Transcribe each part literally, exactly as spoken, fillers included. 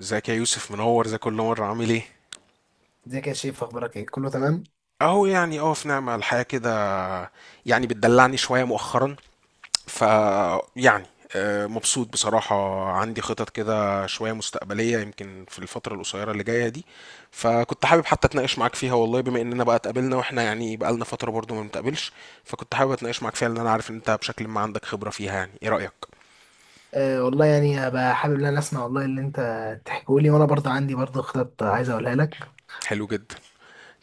ازيك يا يوسف منور زي كل مرة عامل ايه؟ ازيك يا شيف؟ اخبارك ايه؟ كله تمام. اهو يعني اه في نعمة الحياة كده. يعني بتدلعني شوية مؤخرا. ف يعني آه، مبسوط بصراحة. عندي خطط كده شوية مستقبلية يمكن في الفترة القصيرة اللي جاية دي. فكنت حابب حتى اتناقش معاك فيها والله، بما اننا بقى اتقابلنا واحنا يعني بقالنا فترة برضو ما بنتقابلش. فكنت حابب اتناقش معاك فيها لان انا عارف ان انت بشكل ما عندك خبرة فيها. يعني ايه رأيك؟ آه والله، يعني هبقى حابب ان انا اسمع والله اللي انت تحكيه لي، وانا برضه عندي برضه خطط عايز اقولها لك. حلو جدا.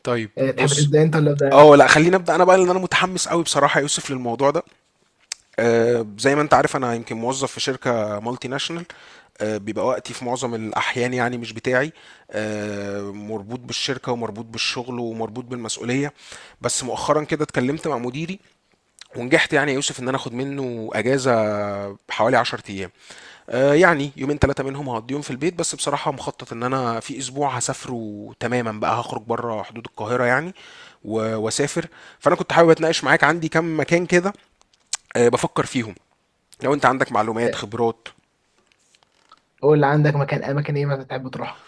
طيب آه تحب بص، تبدا انت ولا ابدا انا؟ اه لا خليني ابدا انا بقى لان انا متحمس قوي بصراحه يا يوسف للموضوع ده. آه، زي ما انت عارف انا يمكن موظف في شركه مالتي ناشونال. آه، بيبقى وقتي في معظم الاحيان يعني مش بتاعي. آه، مربوط بالشركه ومربوط بالشغل ومربوط بالمسؤوليه. بس مؤخرا كده اتكلمت مع مديري، ونجحت يعني يا يوسف ان انا اخد منه اجازه حوالي عشرة ايام. آه، يعني يومين ثلاثه منهم هقضيهم في البيت، بس بصراحه مخطط ان انا في اسبوع هسافره تماما بقى، هخرج بره حدود القاهره يعني و- واسافر. فانا كنت حابب اتناقش معاك، عندي كام مكان كده آه، بفكر فيهم، لو انت عندك معلومات آه، خبرات. قول اللي عندك. مكان اماكن ايه مثلا تحب تروحها؟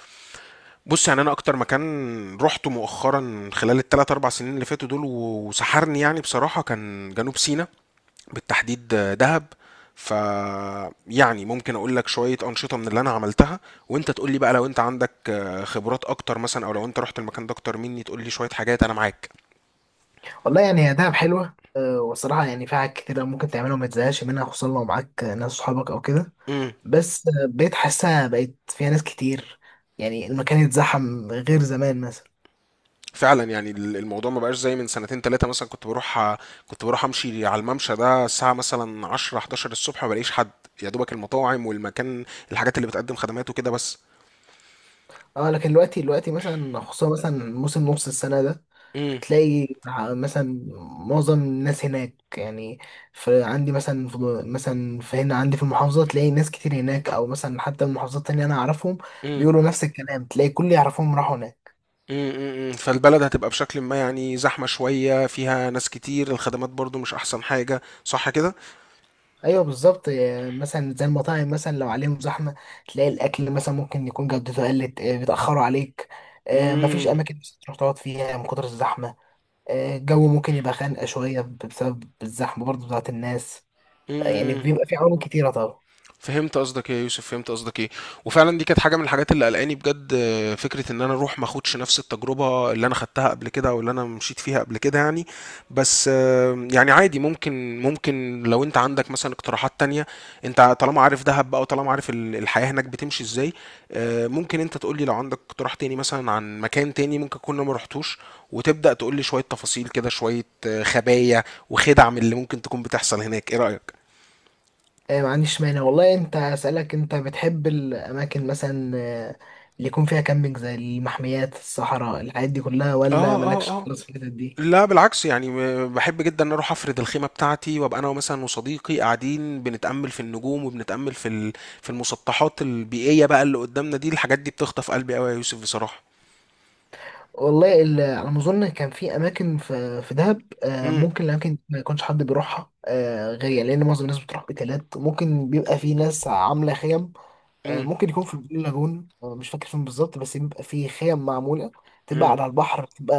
بص يعني انا اكتر مكان رحته مؤخرا خلال الثلاث اربع سنين اللي فاتوا دول و- وسحرني يعني بصراحة كان جنوب سيناء، بالتحديد آه، دهب. ف يعني ممكن اقول لك شوية انشطة من اللي انا عملتها، وانت تقول لي بقى لو انت عندك آه، خبرات اكتر مثلا، او لو انت رحت المكان ده اكتر مني تقول لي شوية حاجات. انا معاك. والله يعني هي دهب حلوه، آه والصراحه يعني فيها حاجات كتير ممكن تعملها وما تزهقش منها، خصوصا لو معاك ناس صحابك او كده. امم. بس آه، بقيت حاسها بقيت فيها ناس كتير، يعني المكان اتزحم غير زمان مثلا. فعلا يعني ال- الموضوع ما بقاش زي من سنتين ثلاثة مثلا. كنت بروح ع- كنت بروح امشي على الممشى ده الساعة مثلا عشرة حداشر الصبح ما بلاقيش حد، يا دوبك المطاعم والمكان، الحاجات اللي بتقدم خدمات وكده بس. اه لكن دلوقتي، دلوقتي مثلا خصوصا مثلا موسم نص السنة ده امم. تلاقي مثلا معظم الناس هناك، يعني في عندي مثلا في مثلا في هنا عندي في المحافظة تلاقي ناس كتير هناك، أو مثلا حتى المحافظات التانية أنا أعرفهم امم. بيقولوا نفس الكلام، تلاقي كل اللي يعرفهم راحوا هناك. امم. فالبلد هتبقى بشكل ما يعني زحمة شوية، فيها ناس كتير، الخدمات برضو مش احسن حاجة، صح كده؟ أيوه بالظبط، آه، مثلا زي المطاعم مثلا لو عليهم زحمة تلاقي الأكل مثلا ممكن يكون جودته قلت، آه، بيتأخروا عليك، آه، مفيش امم. أماكن بس تروح تقعد فيها من كتر الزحمة، آه، الجو ممكن يبقى خانقة شوية بسبب الزحمة برضه بتاعت الناس. آه، يعني بيبقى في عوامل كتيرة طبعا. فهمت قصدك ايه يا يوسف، فهمت قصدك ايه. وفعلا دي كانت حاجه من الحاجات اللي قلقاني بجد. آه، فكره ان انا اروح ما اخدش نفس التجربه اللي انا خدتها قبل كده، او اللي انا مشيت فيها قبل كده يعني. بس آه، يعني عادي، ممكن ممكن لو انت عندك مثلا اقتراحات تانية، انت طالما عارف دهب بقى وطالما عارف ال- الحياه هناك بتمشي ازاي. آه، ممكن انت تقول لي لو عندك اقتراح تاني مثلا عن مكان تاني ممكن كنا ما رحتوش، وتبدا تقول لي شويه تفاصيل كده، شويه آه، خبايا وخدع من اللي ممكن تكون بتحصل هناك. ايه رايك؟ آه، ما عنديش مانع والله. انت اسألك، انت بتحب الأماكن مثلا آه، اللي يكون فيها كامبينج زي المحميات الصحراء الحاجات دي كلها، اه ولا مالكش اه اه. خالص في الحتت دي؟ لا بالعكس يعني م- بحب جدا ان اروح افرد الخيمه بتاعتي، وابقى انا مثلا وصديقي قاعدين بنتامل في النجوم وبنتامل في ال... في المسطحات البيئيه بقى اللي قدامنا دي. الحاجات دي بتخطف قلبي قوي يا يوسف بصراحه. والله، ال- على ما أظن كان في أماكن في في دهب، آه، امم. ممكن الأماكن دي ما يكونش حد بيروحها آه، غير يعني، لأن معظم الناس بتروح أوتيلات. ممكن بيبقى في ناس عاملة خيم، آه، امم. ممكن يكون في البلو لاجون. آه، مش فاكر فين بالظبط، بس بيبقى فيه خيم معمولة تبقى امم. على البحر، بتبقى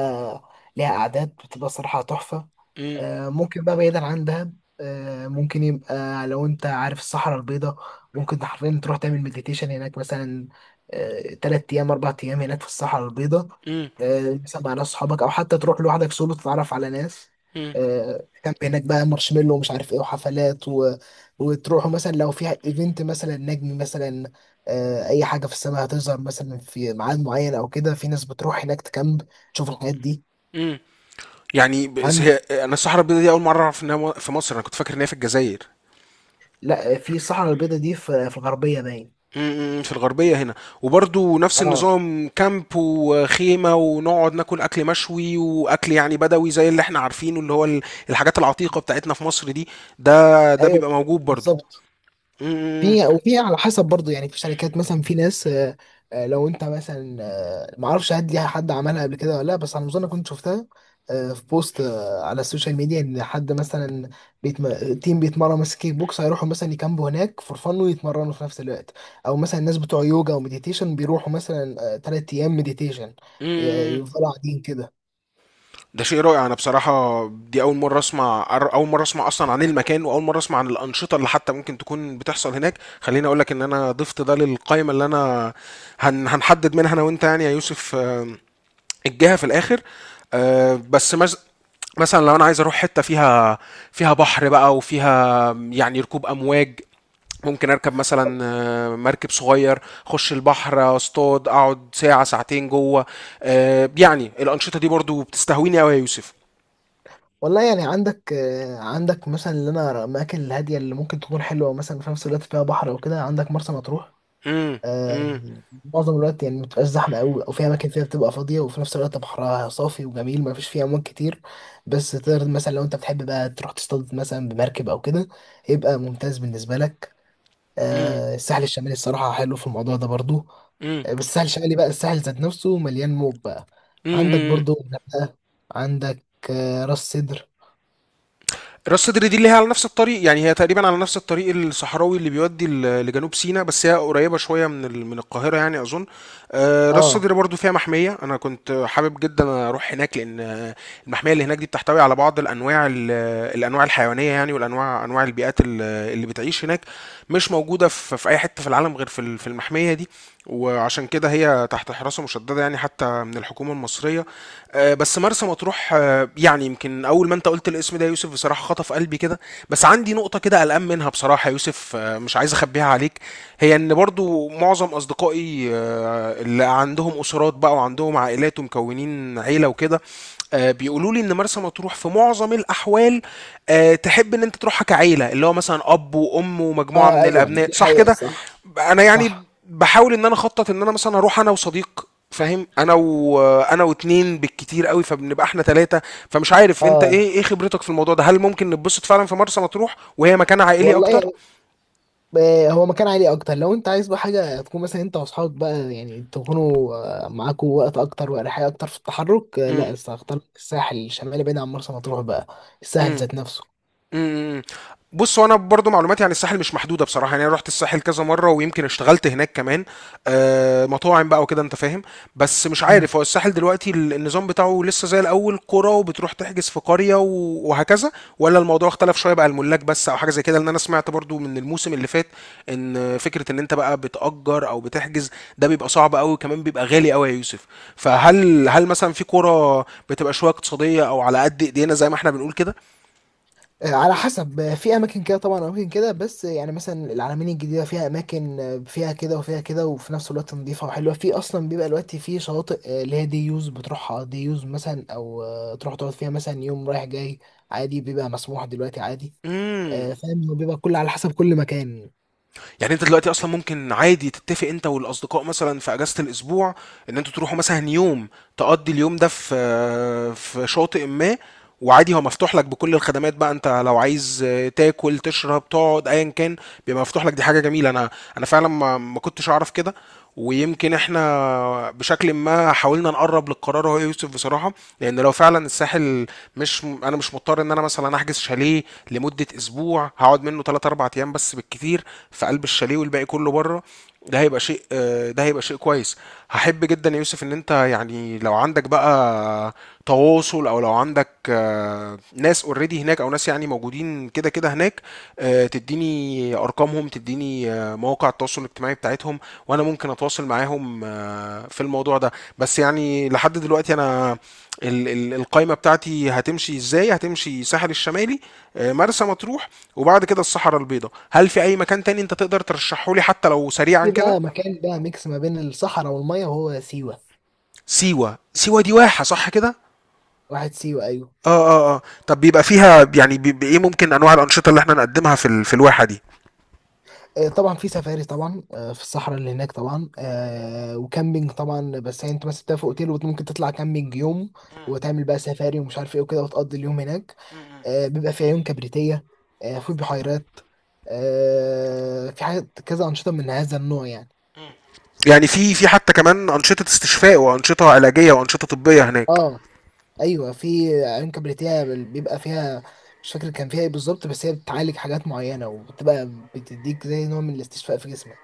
ليها قعدات بتبقى صراحة تحفة. امم. آه، ممكن بقى بعيدا عن دهب، آه، ممكن يبقى لو انت عارف الصحراء البيضاء ممكن حرفيا تروح تعمل مديتيشن هناك مثلا، آه، تلات أيام أربع أيام هناك في الصحراء البيضاء، امم. آه، مثلا مع ناس صحابك أو حتى تروح لوحدك سولو تتعرف على ناس، امم. آه، كامب هناك بقى مارشميلو ومش عارف ايه وحفلات و... وتروحوا مثلا لو في ايفنت مثلا نجم مثلا، آه، اي حاجه في السماء هتظهر مثلا في ميعاد معين او كده، في ناس بتروح هناك تكامب تشوف الحاجات دي. امم. يعني بس عن هي انا الصحراء البيضاء دي اول مره اعرف انها مو- في مصر. انا كنت فاكر ان هي في الجزائر. لا، في الصحراء البيضاء دي في في الغربيه باين. امم، امم، في الغربية هنا. وبرضو نفس اه النظام، كامب وخيمة ونقعد ناكل أكل مشوي وأكل يعني بدوي زي اللي احنا عارفينه، اللي هو ال- الحاجات العتيقة بتاعتنا في مصر دي، ده ده ايوه بيبقى موجود برضو. بالظبط. امم، في، وفي على حسب برضه، يعني في شركات مثلا، في ناس آه، آه، لو انت مثلا آه، ما اعرفش هل ليها حد عملها قبل كده ولا لا، بس على ما اظن كنت شفتها آه، في بوست آه، على السوشيال ميديا ان حد مثلا بيتم... تيم بيتمرن مثلا كيك بوكس هيروحوا مثلا يكامبوا هناك فور فن ويتمرنوا في نفس الوقت، او مثلا الناس بتوع يوجا ومديتيشن بيروحوا مثلا ثلاث ايام مديتيشن ي- امم. يفضلوا قاعدين كده. ده شيء رائع. أنا بصراحة دي أول مرة أسمع أر- أول مرة أسمع أصلا عن المكان، وأول مرة أسمع عن الأنشطة اللي حتى ممكن تكون بتحصل هناك. خليني أقول لك إن أنا ضفت ده للقائمة اللي أنا هن هنحدد منها أنا وأنت يعني يا يوسف. آم، الجهة في الآخر. آه، بس مز... مثلا لو انا عايز اروح حته فيها، فيها بحر بقى وفيها يعني ركوب امواج، ممكن اركب مثلا آه، مركب صغير، اخش البحر، اصطاد، اقعد ساعه ساعتين جوه. آه، يعني الانشطه دي برضو بتستهويني قوي يا يوسف. والله يعني عندك، آه، عندك مثلا اللي انا الاماكن الهاديه اللي ممكن تكون حلوه مثلا في نفس الوقت فيها بحر او كده، عندك مرسى مطروح. امم. آه، معظم الوقت يعني متبقاش زحمة أوي، أو في أماكن فيها بتبقى فاضية وفي نفس الوقت بحرها صافي وجميل مفيش فيه أمواج كتير، بس تقدر مثلا لو أنت بتحب بقى تروح تصطاد مثلا بمركب أو كده يبقى ممتاز بالنسبة لك. امم. آه، الساحل الشمالي الصراحة حلو في الموضوع ده برضو، امم. آه، بس الساحل الشمالي بقى الساحل ذات نفسه مليان موج بقى. عندك امم. برضو الغردقة، عندك آه، راس سدر. راس سدر دي اللي هي على نفس الطريق، يعني هي تقريبا على نفس الطريق الصحراوي اللي بيودي ل- لجنوب سيناء، بس هي قريبة شوية من ال- من القاهرة يعني أظن. آه، راس اه سدر برضو فيها محمية، أنا كنت حابب جدا أروح هناك لأن آه، المحمية اللي هناك دي بتحتوي على بعض الأنواع ال- الأنواع الحيوانية يعني، والأنواع أنواع البيئات ال- اللي بتعيش هناك مش موجودة في في أي حتة في العالم غير في ال- في المحمية دي. وعشان كده هي تحت حراسة مشددة يعني حتى من الحكومة المصرية. آه، بس مرسى مطروح، آه، يعني يمكن اول ما انت قلت الاسم ده يا يوسف بصراحه خطف قلبي كده. بس عندي نقطه كده قلقان منها بصراحه يا يوسف، آه، مش عايز اخبيها عليك. هي ان برضو معظم اصدقائي آه، اللي عندهم اسرات بقى وعندهم عائلات ومكونين عيله وكده، آه، بيقولوا لي ان مرسى مطروح في معظم الاحوال آه، تحب ان انت تروحها كعيله، اللي هو مثلا اب وام ومجموعه اه من ايوه، الابناء، دي صح حقيقة كده؟ صح. ب- انا يعني صح. بحاول ان انا اخطط ان انا مثلا اروح انا وصديق فاهم، انا و... انا واتنين بالكتير قوي، فبنبقى احنا ثلاثه. فمش عارف انت اه ايه ايه خبرتك في الموضوع ده، هل ممكن نتبسط فعلا في مرسى مطروح وهي مكان عائلي اكتر؟ والله، آه، هو مكان عالي اكتر، لو انت عايز بقى حاجه تكون مثلا انت واصحابك بقى يعني تكونوا آه، معاكوا وقت اكتر واريحيه اكتر في التحرك. آه، لا، بس هختار الساحل الشمالي بعيد عن مرسى مطروح بقى، الساحل امم. ذات نفسه. امم، امم. بص هو انا برضو معلوماتي عن الساحل مش محدوده بصراحه، يعني انا رحت الساحل كذا مره، ويمكن اشتغلت هناك كمان، آه مطاعم بقى وكده انت فاهم. بس مش مم. عارف هو الساحل دلوقتي ال- النظام بتاعه لسه زي الاول قرى، وبتروح تحجز في قريه و- وهكذا، ولا الموضوع اختلف شويه بقى، الملاك بس او حاجه زي كده. لان انا سمعت برضو من الموسم اللي فات ان فكره ان انت بقى بتأجر او بتحجز ده بيبقى صعب قوي، وكمان بيبقى غالي قوي يا يوسف. فهل هل مثلا في قرى بتبقى شويه اقتصاديه او على قد ايدينا زي ما احنا بنقول كده؟ آه، على حسب، آه، في اماكن كده طبعا، اماكن كده، بس آه، يعني مثلا العلمين الجديده فيها اماكن، آه، فيها كده وفيها كده وفي نفس الوقت نظيفه وحلوه. في اصلا بيبقى دلوقتي في شواطئ آه، اللي هي دي يوز بتروحها، دي يوز مثلا، او آه، تروح تقعد فيها مثلا يوم رايح جاي عادي. بيبقى مسموح دلوقتي عادي. امم. آه، فاهم، هو بيبقى كل على حسب كل مكان. يعني انت دلوقتي اصلا ممكن عادي تتفق انت والاصدقاء مثلا في اجازة الاسبوع ان انتوا تروحوا مثلا يوم، تقضي اليوم ده في في شاطئ ما، وعادي هو مفتوح لك بكل الخدمات بقى، انت لو عايز تاكل تشرب تقعد ايا كان بيبقى مفتوح لك. دي حاجة جميلة، انا انا فعلا ما ما كنتش اعرف كده. ويمكن احنا بشكل ما حاولنا نقرب للقرار، هو يوسف بصراحة، لان لو فعلا الساحل مش انا مش مضطر ان انا مثلا احجز شاليه لمده اسبوع، هقعد منه تلاتة اربعة ايام بس بالكتير في قلب الشاليه والباقي كله بره، ده هيبقى شيء آه، ده هيبقى شيء كويس. هحب جدا يا يوسف ان انت يعني لو عندك بقى تواصل، او لو عندك آه، ناس اوريدي هناك، او ناس يعني موجودين كده كده هناك، آه، تديني ارقامهم، تديني آه، مواقع التواصل الاجتماعي بتاعتهم، وانا ممكن اتواصل معاهم آه، في الموضوع ده. بس يعني لحد دلوقتي انا ال- ال- القايمة بتاعتي هتمشي ازاي، هتمشي ساحل الشمالي، آه، مرسى مطروح، وبعد كده الصحراء البيضاء. هل في اي مكان تاني انت تقدر ترشحه لي حتى لو سريعا في كده؟ بقى مكان بقى ميكس ما بين الصحراء والميه وهو سيوه. سيوة، سيوة دي واحة صح كده؟ واحد سيوه ايوه. اه اه اه. طب بيبقى فيها يعني بيبقى ايه ممكن انواع الانشطة اللي احنا نقدمها في ال- في الواحة دي؟ آه، طبعا في سفاري طبعا، آه، في الصحراء اللي هناك طبعا، آه، وكامبينج طبعا، بس يعني انت مثلا بتبقى في اوتيل وممكن تطلع كامبينج يوم وتعمل بقى سفاري ومش عارف ايه وكده وتقضي اليوم هناك. آه، بيبقى في عيون كبريتية، آه، في بحيرات، آه، في حاجات كذا، أنشطة من هذا النوع يعني. يعني في في حتى كمان انشطة استشفاء وانشطة علاجية وانشطة طبية هناك؟ اه ايوه، في عيون كبريتية بيبقى فيها، مش فاكر كان فيها ايه بالظبط، بس هي بتعالج حاجات معينة وبتبقى بتديك زي نوع من الاستشفاء في جسمك.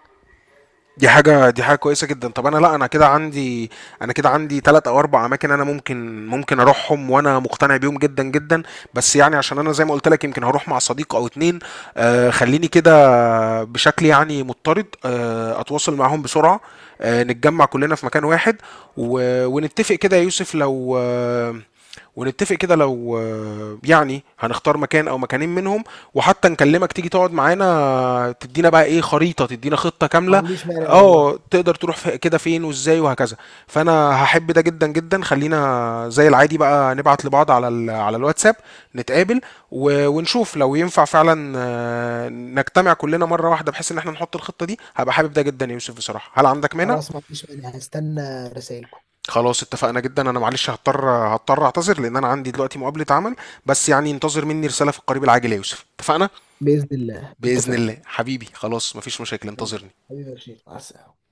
دي حاجة، دي حاجة كويسة جدا. طب انا لا انا كده عندي، انا كده عندي تلات او اربع اماكن انا ممكن ممكن اروحهم وانا مقتنع بيهم جدا جدا. بس يعني عشان انا زي ما قلت لك يمكن هروح مع صديق او اتنين، آه خليني كده بشكل يعني مضطرد آه اتواصل معاهم بسرعة، آه نتجمع كلنا في مكان واحد و... ونتفق كده يا يوسف لو آه ونتفق كده لو آه، يعني هنختار مكان او مكانين منهم، وحتى نكلمك تيجي تقعد معانا، تدينا بقى ايه، خريطة، تدينا خطة ما كاملة، عنديش مانع والله. اه تقدر تروح في كده فين وازاي وهكذا. فانا هحب ده جدا جدا. خلينا زي العادي بقى نبعت لبعض على ال على الواتساب، نتقابل و- ونشوف لو ينفع فعلا آه، نجتمع كلنا مرة واحدة بحيث ان احنا نحط الخطة دي. هبقى حابب ده جدا يا يوسف بصراحة، هل عندك مانع؟ خلاص ما عنديش مانع، هستنى رسائل. خلاص، اتفقنا جدا. انا معلش هضطر، هضطر اعتذر لان انا عندي دلوقتي مقابلة عمل. بس يعني انتظر مني رسالة في القريب العاجل يا يوسف، اتفقنا. بإذن الله بإذن اتفقنا. الله حبيبي، خلاص مفيش مشاكل، حبيبي. انتظرني. حبيبي يا رشيد، مع السلامة.